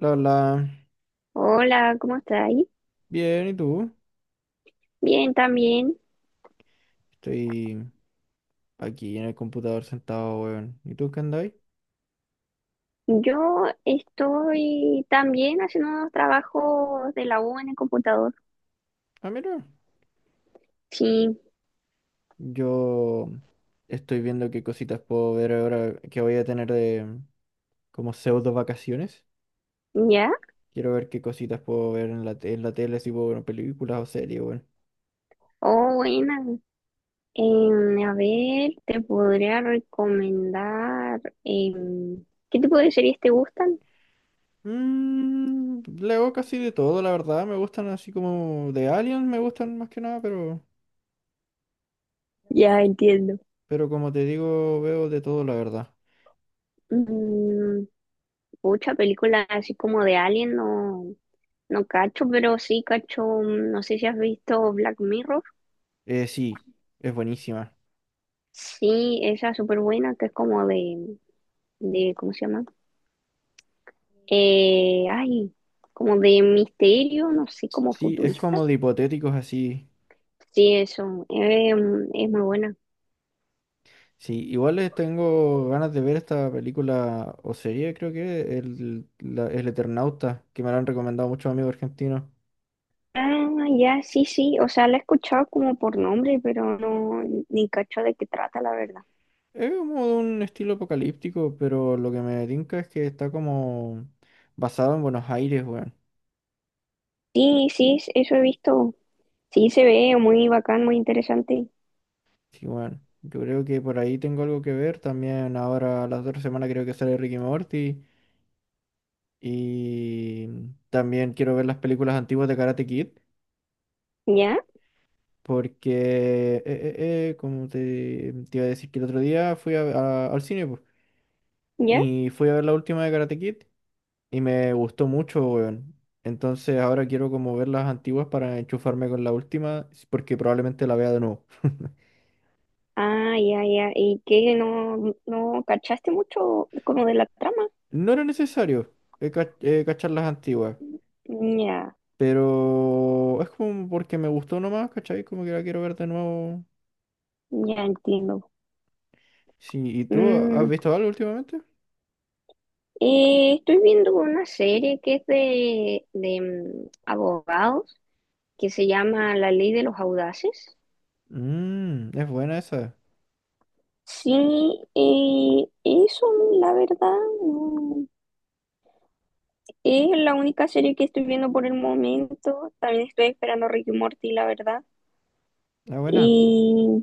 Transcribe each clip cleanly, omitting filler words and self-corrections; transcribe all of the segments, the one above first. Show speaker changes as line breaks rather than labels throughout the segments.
La verdad,
Hola, ¿cómo estáis?
bien, ¿y tú?
Bien, también.
Estoy aquí en el computador sentado, weón. ¿Y tú qué andáis?
Yo estoy también haciendo unos trabajos de la U en el computador.
Ah, mira,
Sí,
yo estoy viendo qué cositas puedo ver ahora que voy a tener de como pseudo vacaciones.
¿ya?
Quiero ver qué cositas puedo ver en la tele, si puedo ver películas o series, weón.
Oh, buena. A ver, te podría recomendar, ¿qué tipo de series te gustan?
Leo casi de todo, la verdad. Me gustan así como de Aliens, me gustan más que nada, pero,
Ya entiendo.
pero como te digo, veo de todo, la verdad.
Mm, mucha película así como de Alien, no, no cacho, pero sí cacho, mm, no sé si has visto Black Mirror.
Sí, es buenísima.
Sí, esa es súper buena, que es como de, ¿cómo se llama? Eh, ay, Como de misterio, no sé, como
Sí, es
futurista.
como de hipotéticos así.
Sí, eso, es muy buena.
Sí, igual les tengo ganas de ver esta película o serie, creo que, El Eternauta, que me la han recomendado muchos amigos argentinos.
Ah, ya, sí, sí, o sea, la he escuchado como por nombre, pero no, ni cacho de qué trata, la verdad.
Es como de un estilo apocalíptico, pero lo que me tinca es que está como basado en Buenos Aires, weón.
Sí, sí, eso he visto. Sí, se ve muy bacán, muy interesante.
Sí, bueno, yo creo que por ahí tengo algo que ver. También ahora, la otra semana creo que sale Ricky Morty. Y también quiero ver las películas antiguas de Karate Kid.
¿Ya?
Porque, como te iba a decir que el otro día al cine, po,
¿Ya?
y fui a ver la última de Karate Kid y me gustó mucho, weón. Entonces ahora quiero como ver las antiguas para enchufarme con la última, porque probablemente la vea de nuevo.
Ah, ya, ya. ¿Y qué? ¿No, no cachaste mucho como de la trama?
No era necesario cachar las antiguas,
Ya,
pero es como porque me gustó nomás, ¿cachai? Como que la quiero ver de nuevo.
ya entiendo.
Sí, ¿y tú has
Mm,
visto algo últimamente?
Estoy viendo una serie que es de abogados que se llama La Ley de los Audaces.
Es buena esa,
Sí, eso la verdad no- es la única serie que estoy viendo por el momento. También estoy esperando Ricky Morty, la verdad.
es buena.
Y,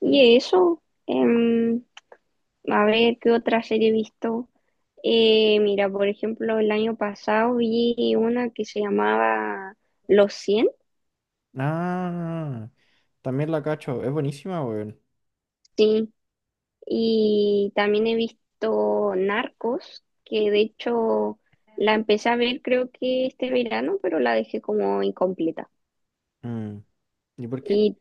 y eso, a ver qué otra serie he visto. Mira, por ejemplo, el año pasado vi una que se llamaba Los cien.
Ah. También la cacho, es buenísima, weón.
Sí, y también he visto Narcos, que de hecho la empecé a ver creo que este verano, pero la dejé como incompleta.
Mm, ¿Y por qué?
Y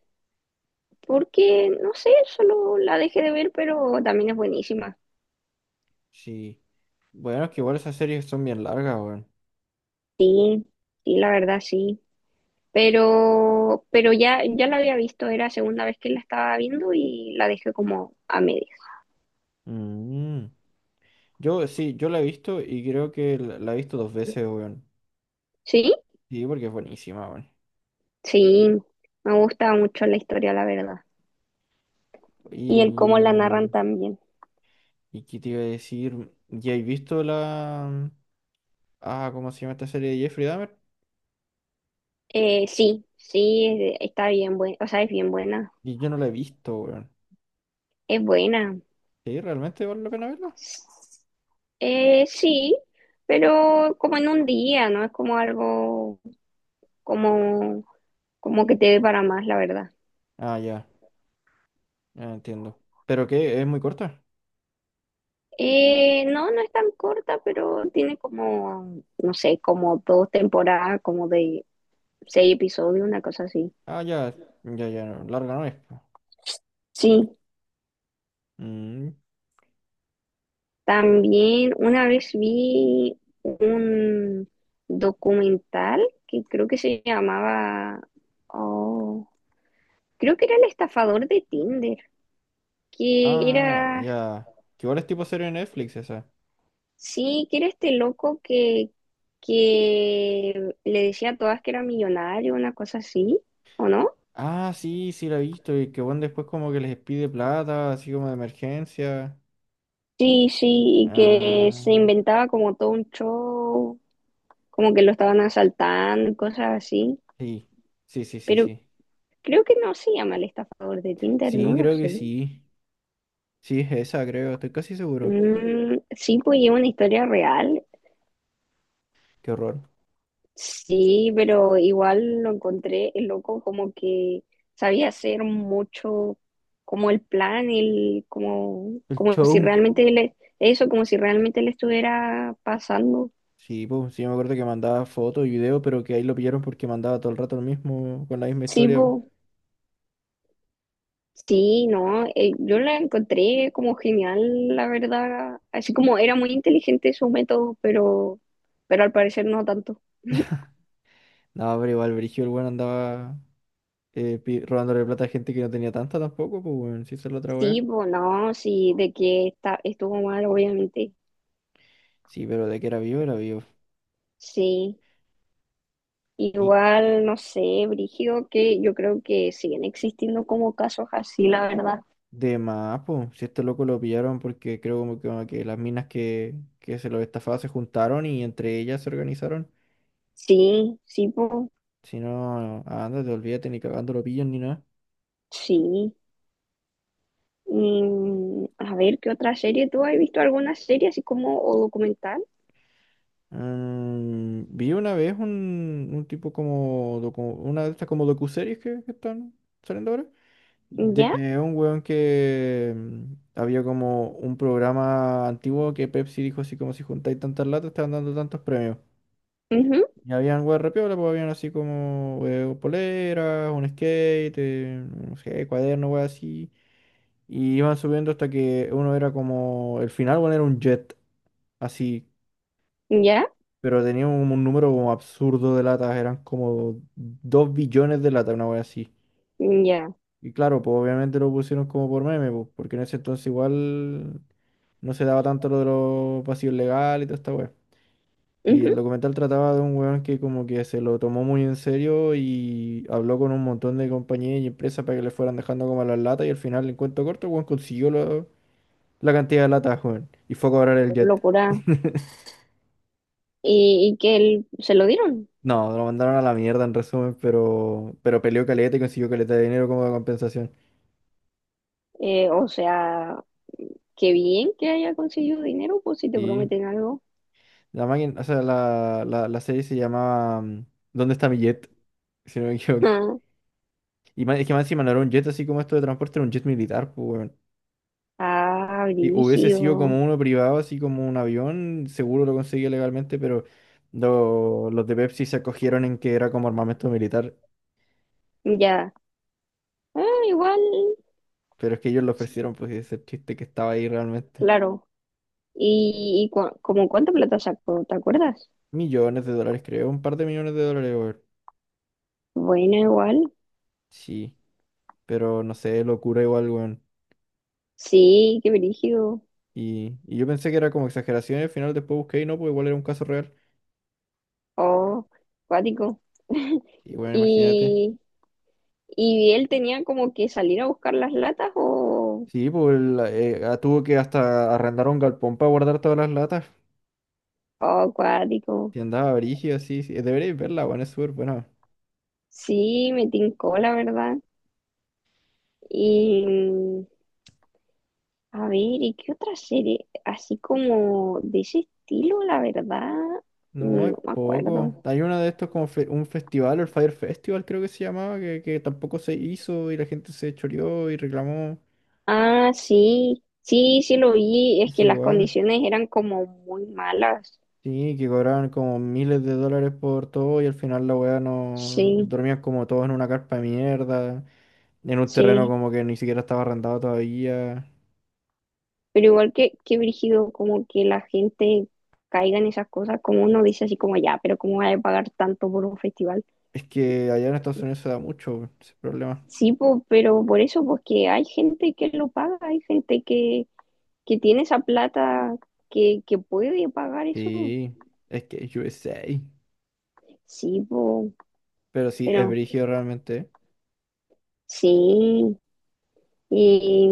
porque, no sé, solo la dejé de ver, pero también es buenísima.
Sí. Bueno, es que igual esas series son bien largas, weón.
Sí, sí, la verdad sí. Pero ya, ya la había visto, era segunda vez que la estaba viendo y la dejé como a medias.
Mm. Yo sí, yo la he visto y creo que la he visto dos veces, weón.
¿Sí?
Sí, porque es buenísima, weón.
Sí, me gusta mucho la historia, la verdad. Y el cómo la narran
Y,
también.
¿y qué te iba a decir? ¿Ya he visto la... Ah, ¿cómo se llama esta serie de Jeffrey Dahmer?
Sí, sí, está bien buena, o sea, es bien buena,
Y yo no la he visto, weón.
es buena.
¿Sí? ¿Realmente vale la pena verla?
Sí, pero como en un día, ¿no? Es como algo como, como que te dé para más, la verdad.
Ah, ya, ya entiendo. ¿Pero qué? ¿Es muy corta?
No, no es tan corta, pero tiene como, no sé, como dos temporadas, como de seis episodios, una cosa así.
Ah, ya, ya, ya, no, larga no es, po.
Sí,
Mm,
también una vez vi un documental que creo que se llamaba, oh, creo que era el estafador de Tinder, que
ah,
era,
ya. Que igual es tipo serie de Netflix esa.
sí, que era este loco que le decía a todas que era millonario, una cosa así, ¿o no?
Ah, sí, sí la he visto. Y que bueno, después como que les pide plata, así como de emergencia.
Sí, sí, y que
Ah,
se inventaba como todo un show, como que lo estaban asaltando, y cosas así,
sí. Sí, sí, sí,
pero
sí.
creo que no se llama el estafador de Tinder, no
Sí,
lo
creo que
sé.
sí. Sí, es esa, creo. Estoy casi seguro.
Mm, sí, pues es una historia real,
Qué horror.
sí, pero igual lo encontré el loco como que sabía hacer mucho como el plan,
El
como si
show.
realmente le, eso, como si realmente le estuviera pasando.
Sí, pues, sí, me acuerdo que mandaba fotos y videos, pero que ahí lo pillaron porque mandaba todo el rato lo mismo, con la misma
Sí,
historia.
pues, sí, no, yo la encontré como genial, la verdad, así como era muy inteligente su método, pero al parecer no tanto.
No, pero igual, Brigio, el weón andaba robándole plata a gente que no tenía tanta tampoco, pues, weón. Sí, esa es la otra weá.
Sí, pues no, sí, estuvo mal, obviamente.
Sí, pero de que era vivo, era vivo.
Sí,
Y
igual, no sé, Brigio, que yo creo que siguen existiendo como casos así, la verdad.
de más, po, si este loco lo pillaron porque creo como que las minas que se lo estafaban se juntaron y entre ellas se organizaron.
Sí, sí, po,
Si no, ah, ándate, olvídate, ni cagando lo pillan ni nada.
sí. Mm, a ver, ¿qué otra serie? ¿Tú has visto alguna serie así como o documental?
Vi una vez un tipo como, una de estas como docuseries que están saliendo ahora.
¿Ya?
De un weón que había como un programa antiguo que Pepsi dijo así como si juntáis tantas latas, te van dando tantos premios. Y habían weas re pues habían así como poleras, un skate, no sé, cuaderno, weas así. Y iban subiendo hasta que uno era como el final. Bueno, era un jet, así.
Ujú. ¿Ya?
Pero tenía un número como absurdo de latas, eran como 2 billones de latas, una wea así.
¿Ya?
Y claro, pues obviamente lo pusieron como por meme, pues, porque en ese entonces igual no se daba tanto lo de los vacíos legales y toda esta wea. Y el
Ujú.
documental trataba de un weón que como que se lo tomó muy en serio y habló con un montón de compañías y empresas para que le fueran dejando como las latas y al final, en cuento corto, el weón consiguió la cantidad de latas, weón. Y fue a cobrar el
Oh,
jet.
locura. Y que él, se lo dieron?
No, lo mandaron a la mierda en resumen, pero peleó caleta y consiguió caleta de dinero como de compensación.
O sea, qué bien que haya conseguido dinero, pues si te
Sí.
prometen algo.
La máquina, o sea, la serie se llamaba ¿dónde está mi jet? Si no me equivoco. Y es que más encima no era un jet así como esto de transporte, era un jet militar, pues, weón.
Ah,
Si hubiese sido
brígido.
como uno privado, así como un avión, seguro lo conseguía legalmente, pero los de Pepsi se acogieron en que era como armamento militar.
Ya. Ah, igual.
Pero es que ellos lo ofrecieron, pues ese es el chiste que estaba ahí realmente.
Claro. Y como cuánta plata sacó? ¿Te acuerdas?
Millones de dólares, creo, un par de millones de dólares, weón.
Bueno, igual.
Sí, pero no sé, locura igual, weón.
Sí, qué brígido.
Y yo pensé que era como exageración y al final después busqué y no, pues igual era un caso real.
Oh, cuático.
Y bueno, imagínate.
¿Y, y él tenía como que salir a buscar las latas o...?
Sí, pues tuvo que hasta arrendar un galpón para guardar todas las latas.
Oh, cuático.
Y andaba brígida, sí, sí. Deberéis verla, weón, es súper buena.
Sí, me tincó, la verdad. Y... mm, A ver, ¿y qué otra serie? Así como de ese estilo, la verdad,
No,
mm,
es
no me
poco.
acuerdo.
Hay uno de estos como un festival, el Fire Festival creo que se llamaba, que tampoco se hizo y la gente se choreó y reclamó.
Ah, sí, sí, sí lo vi, es
Es
que las
igual.
condiciones eran como muy malas,
Sí, que cobraban como miles de dólares por todo y al final la weá no.
sí,
Dormían como todos en una carpa de mierda, en un terreno
sí,
como que ni siquiera estaba arrendado todavía.
pero igual que brígido, como que la gente caiga en esas cosas, como uno dice así como ya, pero ¿cómo va a pagar tanto por un festival?
Es que allá en Estados Unidos se da mucho ese problema.
Sí, po, pero por eso, porque hay gente que lo paga, hay gente que tiene esa plata que puede pagar eso,
Sí, es que es USA.
sí, po,
Pero sí, es
pero
brígido realmente.
sí, y...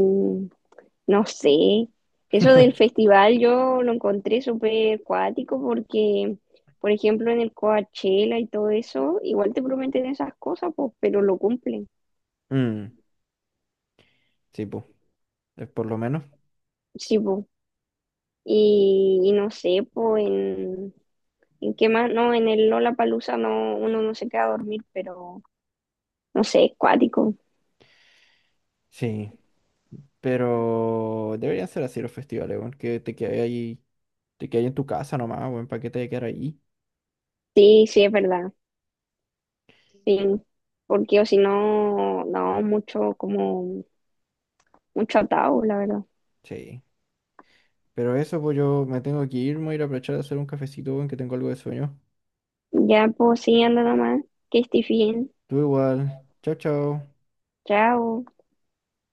No sé, eso del festival yo lo encontré súper cuático porque, por ejemplo, en el Coachella y todo eso, igual te prometen esas cosas, pues, pero lo cumplen.
Mm, sí, pues, es por lo menos.
Sí, pues. Y no sé, pues, en qué más, no, en el Lollapalooza no, uno no se queda a dormir, pero no sé, es cuático.
Sí, pero deberían ser así los festivales, weón, que te quedes ahí, te quedes en tu casa nomás, weón, para que te vayas a quedar ahí.
Sí, sí, es verdad, sí, porque o si no, no, mucho, como, mucho atado, la verdad.
Sí, pero eso, pues yo me tengo que ir, me voy a ir a aprovechar de hacer un cafecito, weón, que tengo algo de sueño.
Ya, pues, sí, anda nomás, que estés bien.
Tú igual, chao, chao.
Chao.